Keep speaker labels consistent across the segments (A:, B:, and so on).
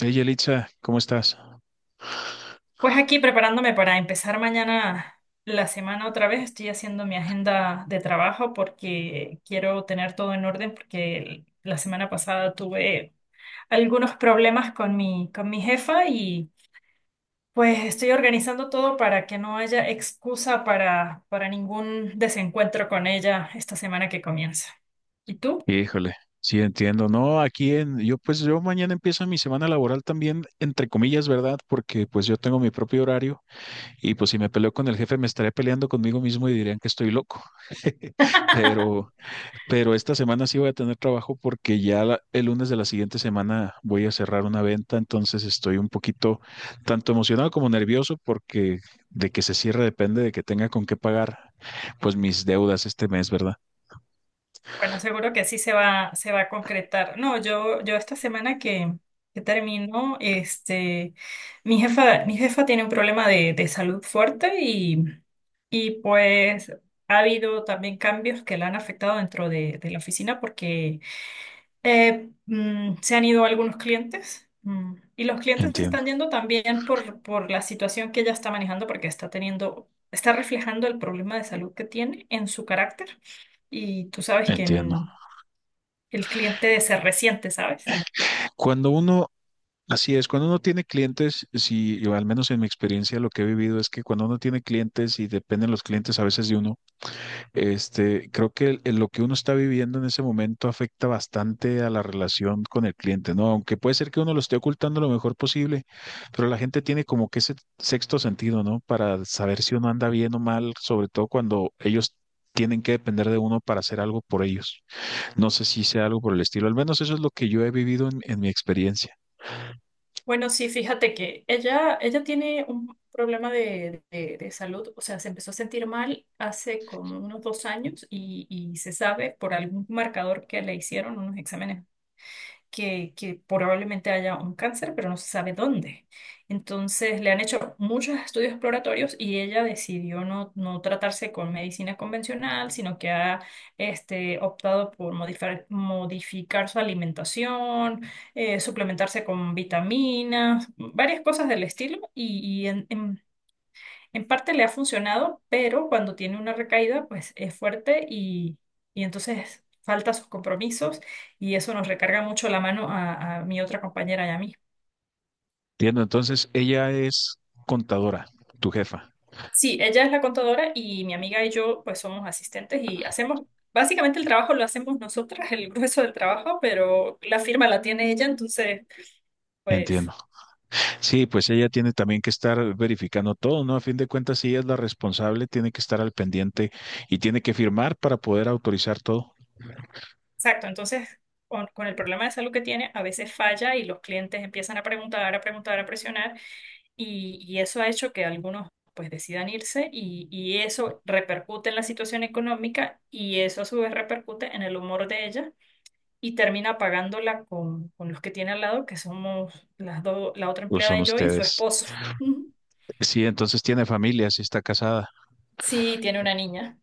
A: Hey, Yelitza, ¿cómo estás?
B: Pues aquí preparándome para empezar mañana la semana otra vez, estoy haciendo mi agenda de trabajo porque quiero tener todo en orden porque la semana pasada tuve algunos problemas con mi jefa y pues estoy organizando todo para que no haya excusa para ningún desencuentro con ella esta semana que comienza. ¿Y tú?
A: Híjole, sí entiendo. No, aquí yo pues yo mañana empieza mi semana laboral también, entre comillas, ¿verdad? Porque pues yo tengo mi propio horario y pues si me peleo con el jefe me estaré peleando conmigo mismo y dirían que estoy loco. Pero, pero esta semana sí voy a tener trabajo porque ya el lunes de la siguiente semana voy a cerrar una venta, entonces estoy un poquito tanto emocionado como nervioso porque de que se cierre depende de que tenga con qué pagar pues mis deudas este mes, ¿verdad?
B: Bueno, seguro que sí se va a concretar. No, yo esta semana que termino, mi jefa tiene un problema de salud fuerte y pues ha habido también cambios que la han afectado dentro de la oficina porque se han ido algunos clientes. Y los clientes se
A: Entiendo,
B: están yendo también por la situación que ella está manejando, porque está teniendo, está reflejando el problema de salud que tiene en su carácter. Y tú sabes
A: entiendo.
B: el cliente de ser reciente, ¿sabes?
A: Cuando uno, así es, cuando uno tiene clientes, si, yo al menos en mi experiencia lo que he vivido es que cuando uno tiene clientes y dependen los clientes a veces de uno, este, creo que lo que uno está viviendo en ese momento afecta bastante a la relación con el cliente, ¿no? Aunque puede ser que uno lo esté ocultando lo mejor posible, pero la gente tiene como que ese sexto sentido, ¿no? Para saber si uno anda bien o mal, sobre todo cuando ellos tienen que depender de uno para hacer algo por ellos. No sé si sea algo por el estilo, al menos eso es lo que yo he vivido en mi experiencia.
B: Bueno, sí, fíjate que ella tiene un problema de, de salud, o sea, se empezó a sentir mal hace como unos dos años y se sabe por algún marcador que le hicieron, unos exámenes que probablemente haya un cáncer, pero no se sabe dónde. Entonces le han hecho muchos estudios exploratorios y ella decidió no tratarse con medicina convencional, sino que ha optado por modificar su alimentación, suplementarse con vitaminas, varias cosas del estilo. En parte le ha funcionado, pero cuando tiene una recaída, pues es fuerte y entonces falta sus compromisos y eso nos recarga mucho la mano a mi otra compañera y a mí.
A: Entiendo, entonces ella es contadora, tu jefa.
B: Sí, ella es la contadora y mi amiga y yo pues somos asistentes y hacemos, básicamente el trabajo lo hacemos nosotras, el grueso del trabajo, pero la firma la tiene ella, entonces pues
A: Entiendo. Sí, pues ella tiene también que estar verificando todo, ¿no? A fin de cuentas, si ella es la responsable, tiene que estar al pendiente y tiene que firmar para poder autorizar todo.
B: exacto, entonces con el problema de salud que tiene a veces falla y los clientes empiezan a preguntar, a preguntar, a presionar. Y, y eso ha hecho que algunos pues decidan irse y eso repercute en la situación económica y eso a su vez repercute en el humor de ella y termina pagándola con los que tiene al lado, que somos las dos, la otra
A: Pues
B: empleada
A: son
B: y yo y su
A: ustedes.
B: esposo.
A: Sí, entonces tiene familia, sí está casada.
B: Sí, tiene una niña.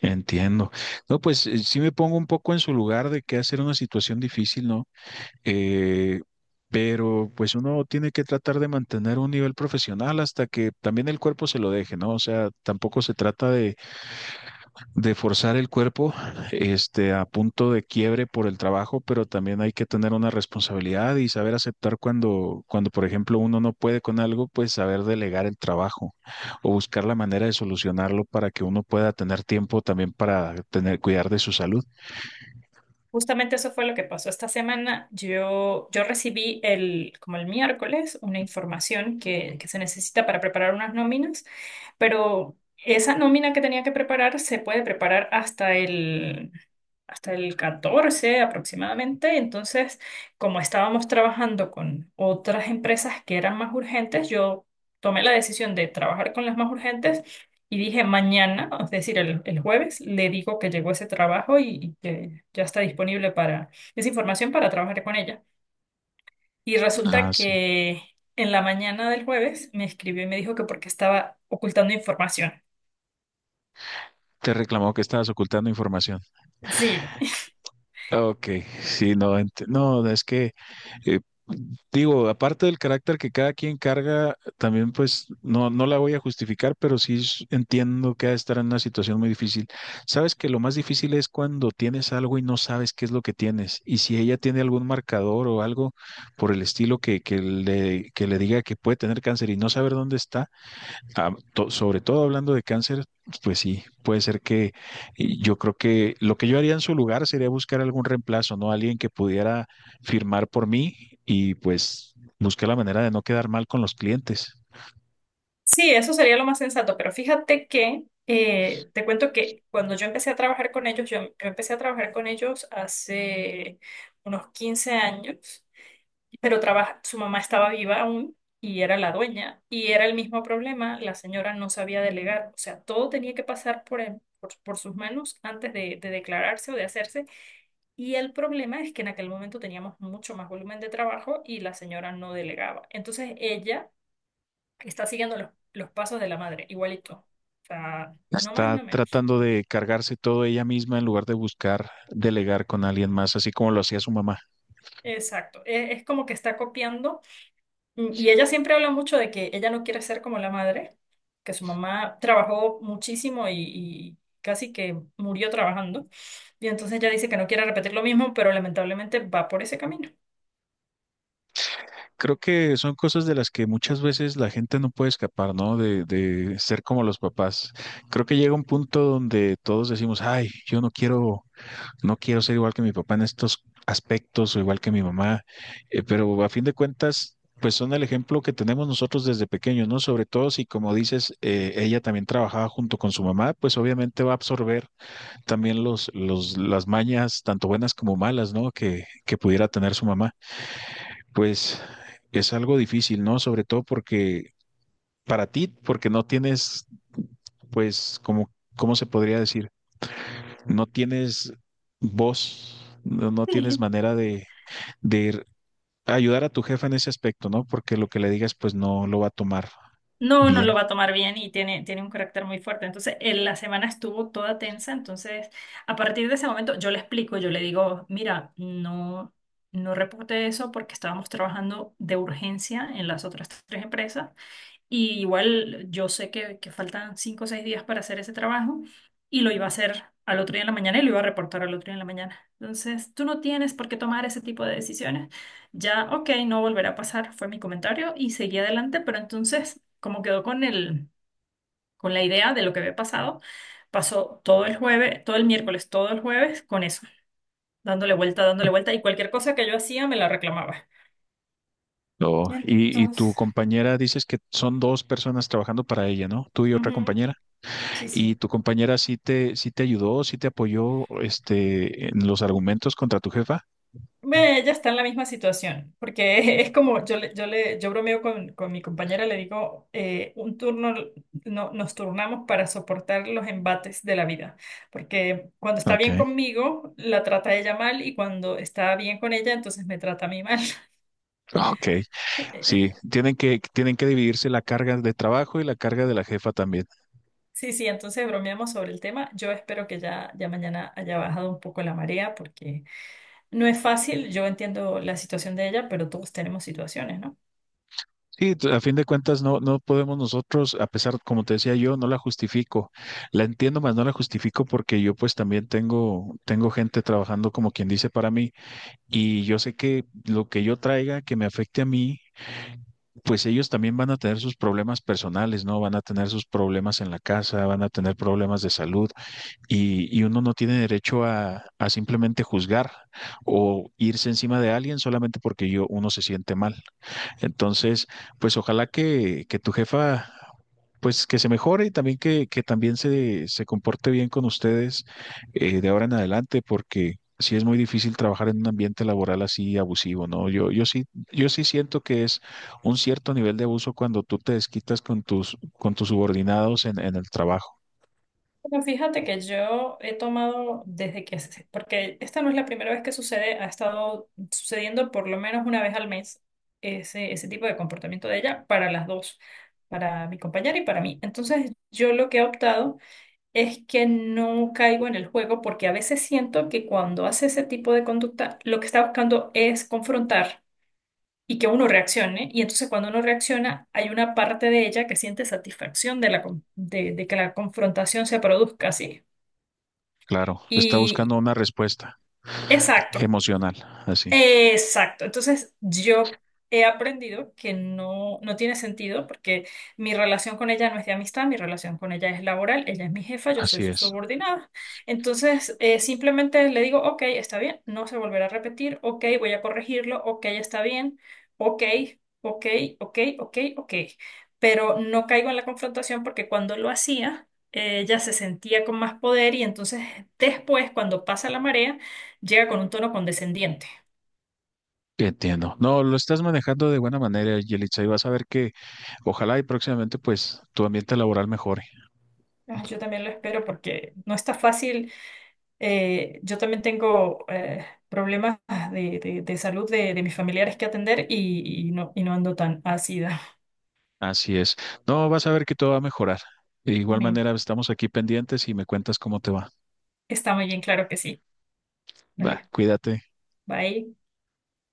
A: Entiendo. No, pues sí me pongo un poco en su lugar de que hacer una situación difícil, ¿no? Eh, pero pues uno tiene que tratar de mantener un nivel profesional hasta que también el cuerpo se lo deje, ¿no? O sea, tampoco se trata de forzar el cuerpo, este, a punto de quiebre por el trabajo, pero también hay que tener una responsabilidad y saber aceptar cuando, por ejemplo, uno no puede con algo, pues saber delegar el trabajo o buscar la manera de solucionarlo para que uno pueda tener tiempo también para tener, cuidar de su salud.
B: Justamente eso fue lo que pasó esta semana. Yo recibí el, como el miércoles una información que se necesita para preparar unas nóminas, pero esa nómina que tenía que preparar se puede preparar hasta el 14 aproximadamente. Entonces, como estábamos trabajando con otras empresas que eran más urgentes, yo tomé la decisión de trabajar con las más urgentes y dije, mañana, es decir, el jueves, le digo que llegó ese trabajo y que ya está disponible para esa información para trabajar con ella. Y
A: Ah,
B: resulta
A: sí.
B: que en la mañana del jueves me escribió y me dijo que porque estaba ocultando información.
A: Te reclamó que estabas ocultando información.
B: Sí,
A: Ok, sí, no, no, es que, eh, digo, aparte del carácter que cada quien carga, también pues no, no la voy a justificar, pero entiendo que ha de estar en una situación muy difícil. Sabes que lo más difícil es cuando tienes algo y no sabes qué es lo que tienes, y si ella tiene algún marcador o algo por el estilo que le diga que puede tener cáncer y no saber dónde está. Ah, sobre todo hablando de cáncer, pues sí, puede ser que y yo creo que lo que yo haría en su lugar sería buscar algún reemplazo, ¿no? Alguien que pudiera firmar por mí y pues buscar la manera de no quedar mal con los clientes.
B: sí, eso sería lo más sensato, pero fíjate que te cuento que cuando yo empecé a trabajar con ellos, yo empecé a trabajar con ellos hace unos 15 años, pero trabaja, su mamá estaba viva aún y era la dueña. Y era el mismo problema, la señora no sabía delegar, o sea, todo tenía que pasar por sus manos antes de declararse o de hacerse. Y el problema es que en aquel momento teníamos mucho más volumen de trabajo y la señora no delegaba. Entonces ella está siguiendo los pasos de la madre, igualito. O sea, no más,
A: Está
B: no menos.
A: tratando de cargarse todo ella misma en lugar de buscar delegar con alguien más, así como lo hacía su mamá.
B: Exacto. Es como que está copiando. Mm. Y ella siempre habla mucho de que ella no quiere ser como la madre, que su mamá trabajó muchísimo y casi que murió trabajando. Y entonces ella dice que no quiere repetir lo mismo, pero lamentablemente va por ese camino.
A: Creo que son cosas de las que muchas veces la gente no puede escapar, ¿no? De ser como los papás. Creo que llega un punto donde todos decimos, ay, yo no quiero. No quiero ser igual que mi papá en estos aspectos o igual que mi mamá, pero a fin de cuentas, pues son el ejemplo que tenemos nosotros desde pequeños, ¿no? Sobre todo si, como dices, ella también trabajaba junto con su mamá, pues obviamente va a absorber también las mañas, tanto buenas como malas, ¿no? Que pudiera tener su mamá. Pues es algo difícil, ¿no? Sobre todo porque para ti, porque no tienes, pues, como, ¿cómo se podría decir? No tienes voz, no tienes
B: Sí.
A: manera de, de ir- ayudar a tu jefe en ese aspecto, ¿no? Porque lo que le digas, pues no lo va a tomar
B: No, no lo
A: bien.
B: va a tomar bien y tiene un carácter muy fuerte. Entonces, en la semana estuvo toda tensa. Entonces, a partir de ese momento, yo le explico, yo le digo, mira, no reporte eso porque estábamos trabajando de urgencia en las otras tres empresas. Y igual yo sé que faltan cinco o seis días para hacer ese trabajo y lo iba a hacer al otro día en la mañana y lo iba a reportar al otro día en la mañana. Entonces, tú no tienes por qué tomar ese tipo de decisiones. Ya, ok, no volverá a pasar, fue mi comentario y seguí adelante, pero entonces, como quedó con la idea de lo que había pasado, pasó todo el jueves, todo el miércoles, todo el jueves con eso, dándole vuelta y cualquier cosa que yo hacía me la reclamaba.
A: No,
B: Y
A: y tu
B: entonces,
A: compañera dices que son dos personas trabajando para ella, ¿no? Tú y otra
B: ujú,
A: compañera.
B: sí,
A: ¿Y
B: sí.
A: tu compañera sí te ayudó, sí te apoyó, este, en los argumentos contra tu jefa?
B: Ve, ella está en la misma situación, porque es como, yo bromeo con mi compañera, le digo, un turno, no, nos turnamos para soportar los embates de la vida, porque cuando está
A: Ok,
B: bien conmigo, la trata ella mal, y cuando está bien con ella, entonces me trata a mí mal.
A: ok. Sí, tienen que dividirse la carga de trabajo y la carga de la jefa también.
B: Sí, sí, entonces bromeamos sobre el tema. Yo espero que ya mañana haya bajado un poco la marea, porque no es fácil, yo entiendo la situación de ella, pero todos tenemos situaciones, ¿no?
A: Sí, a fin de cuentas no, no podemos nosotros, a pesar, como te decía yo, no la justifico. La entiendo, más no la justifico porque yo pues también tengo, tengo gente trabajando como quien dice para mí y yo sé que lo que yo traiga que me afecte a mí, pues ellos también van a tener sus problemas personales, ¿no? Van a tener sus problemas en la casa, van a tener problemas de salud y uno no tiene derecho a simplemente juzgar o irse encima de alguien solamente porque yo, uno se siente mal. Entonces, pues ojalá que tu jefa, pues que se mejore y también que también se comporte bien con ustedes de ahora en adelante, porque sí es muy difícil trabajar en un ambiente laboral así abusivo, ¿no? Yo sí, yo sí siento que es un cierto nivel de abuso cuando tú te desquitas con tus subordinados en el trabajo.
B: Bueno, fíjate que yo he tomado desde porque esta no es la primera vez que sucede, ha estado sucediendo por lo menos una vez al mes ese, ese tipo de comportamiento de ella para las dos, para mi compañera y para mí. Entonces, yo lo que he optado es que no caigo en el juego porque a veces siento que cuando hace ese tipo de conducta, lo que está buscando es confrontar y que uno reaccione. Y entonces cuando uno reacciona, hay una parte de ella que siente satisfacción de que la confrontación se produzca, ¿sí?
A: Claro, está
B: Y
A: buscando una respuesta
B: exacto.
A: emocional, así,
B: Exacto. Entonces, yo he aprendido que no, no tiene sentido porque mi relación con ella no es de amistad, mi relación con ella es laboral, ella es mi jefa, yo soy
A: así
B: su
A: es.
B: subordinada. Entonces, simplemente le digo, ok, está bien, no se volverá a repetir, ok, voy a corregirlo, ok, está bien, ok, ok, ok, ok, ok. Pero no caigo en la confrontación porque cuando lo hacía, ella se sentía con más poder y entonces después, cuando pasa la marea, llega con un tono condescendiente.
A: Entiendo. No, lo estás manejando de buena manera, Yelitza, y vas a ver que ojalá y próximamente pues tu ambiente laboral mejore.
B: Ah, yo también lo espero porque no está fácil. Yo también tengo problemas de, de salud de mis familiares que atender y, y no ando tan ácida.
A: Así es. No, vas a ver que todo va a mejorar. De igual
B: Bien.
A: manera, estamos aquí pendientes y me cuentas cómo te va.
B: Está muy bien, claro que sí.
A: Va,
B: Vale,
A: cuídate.
B: bye.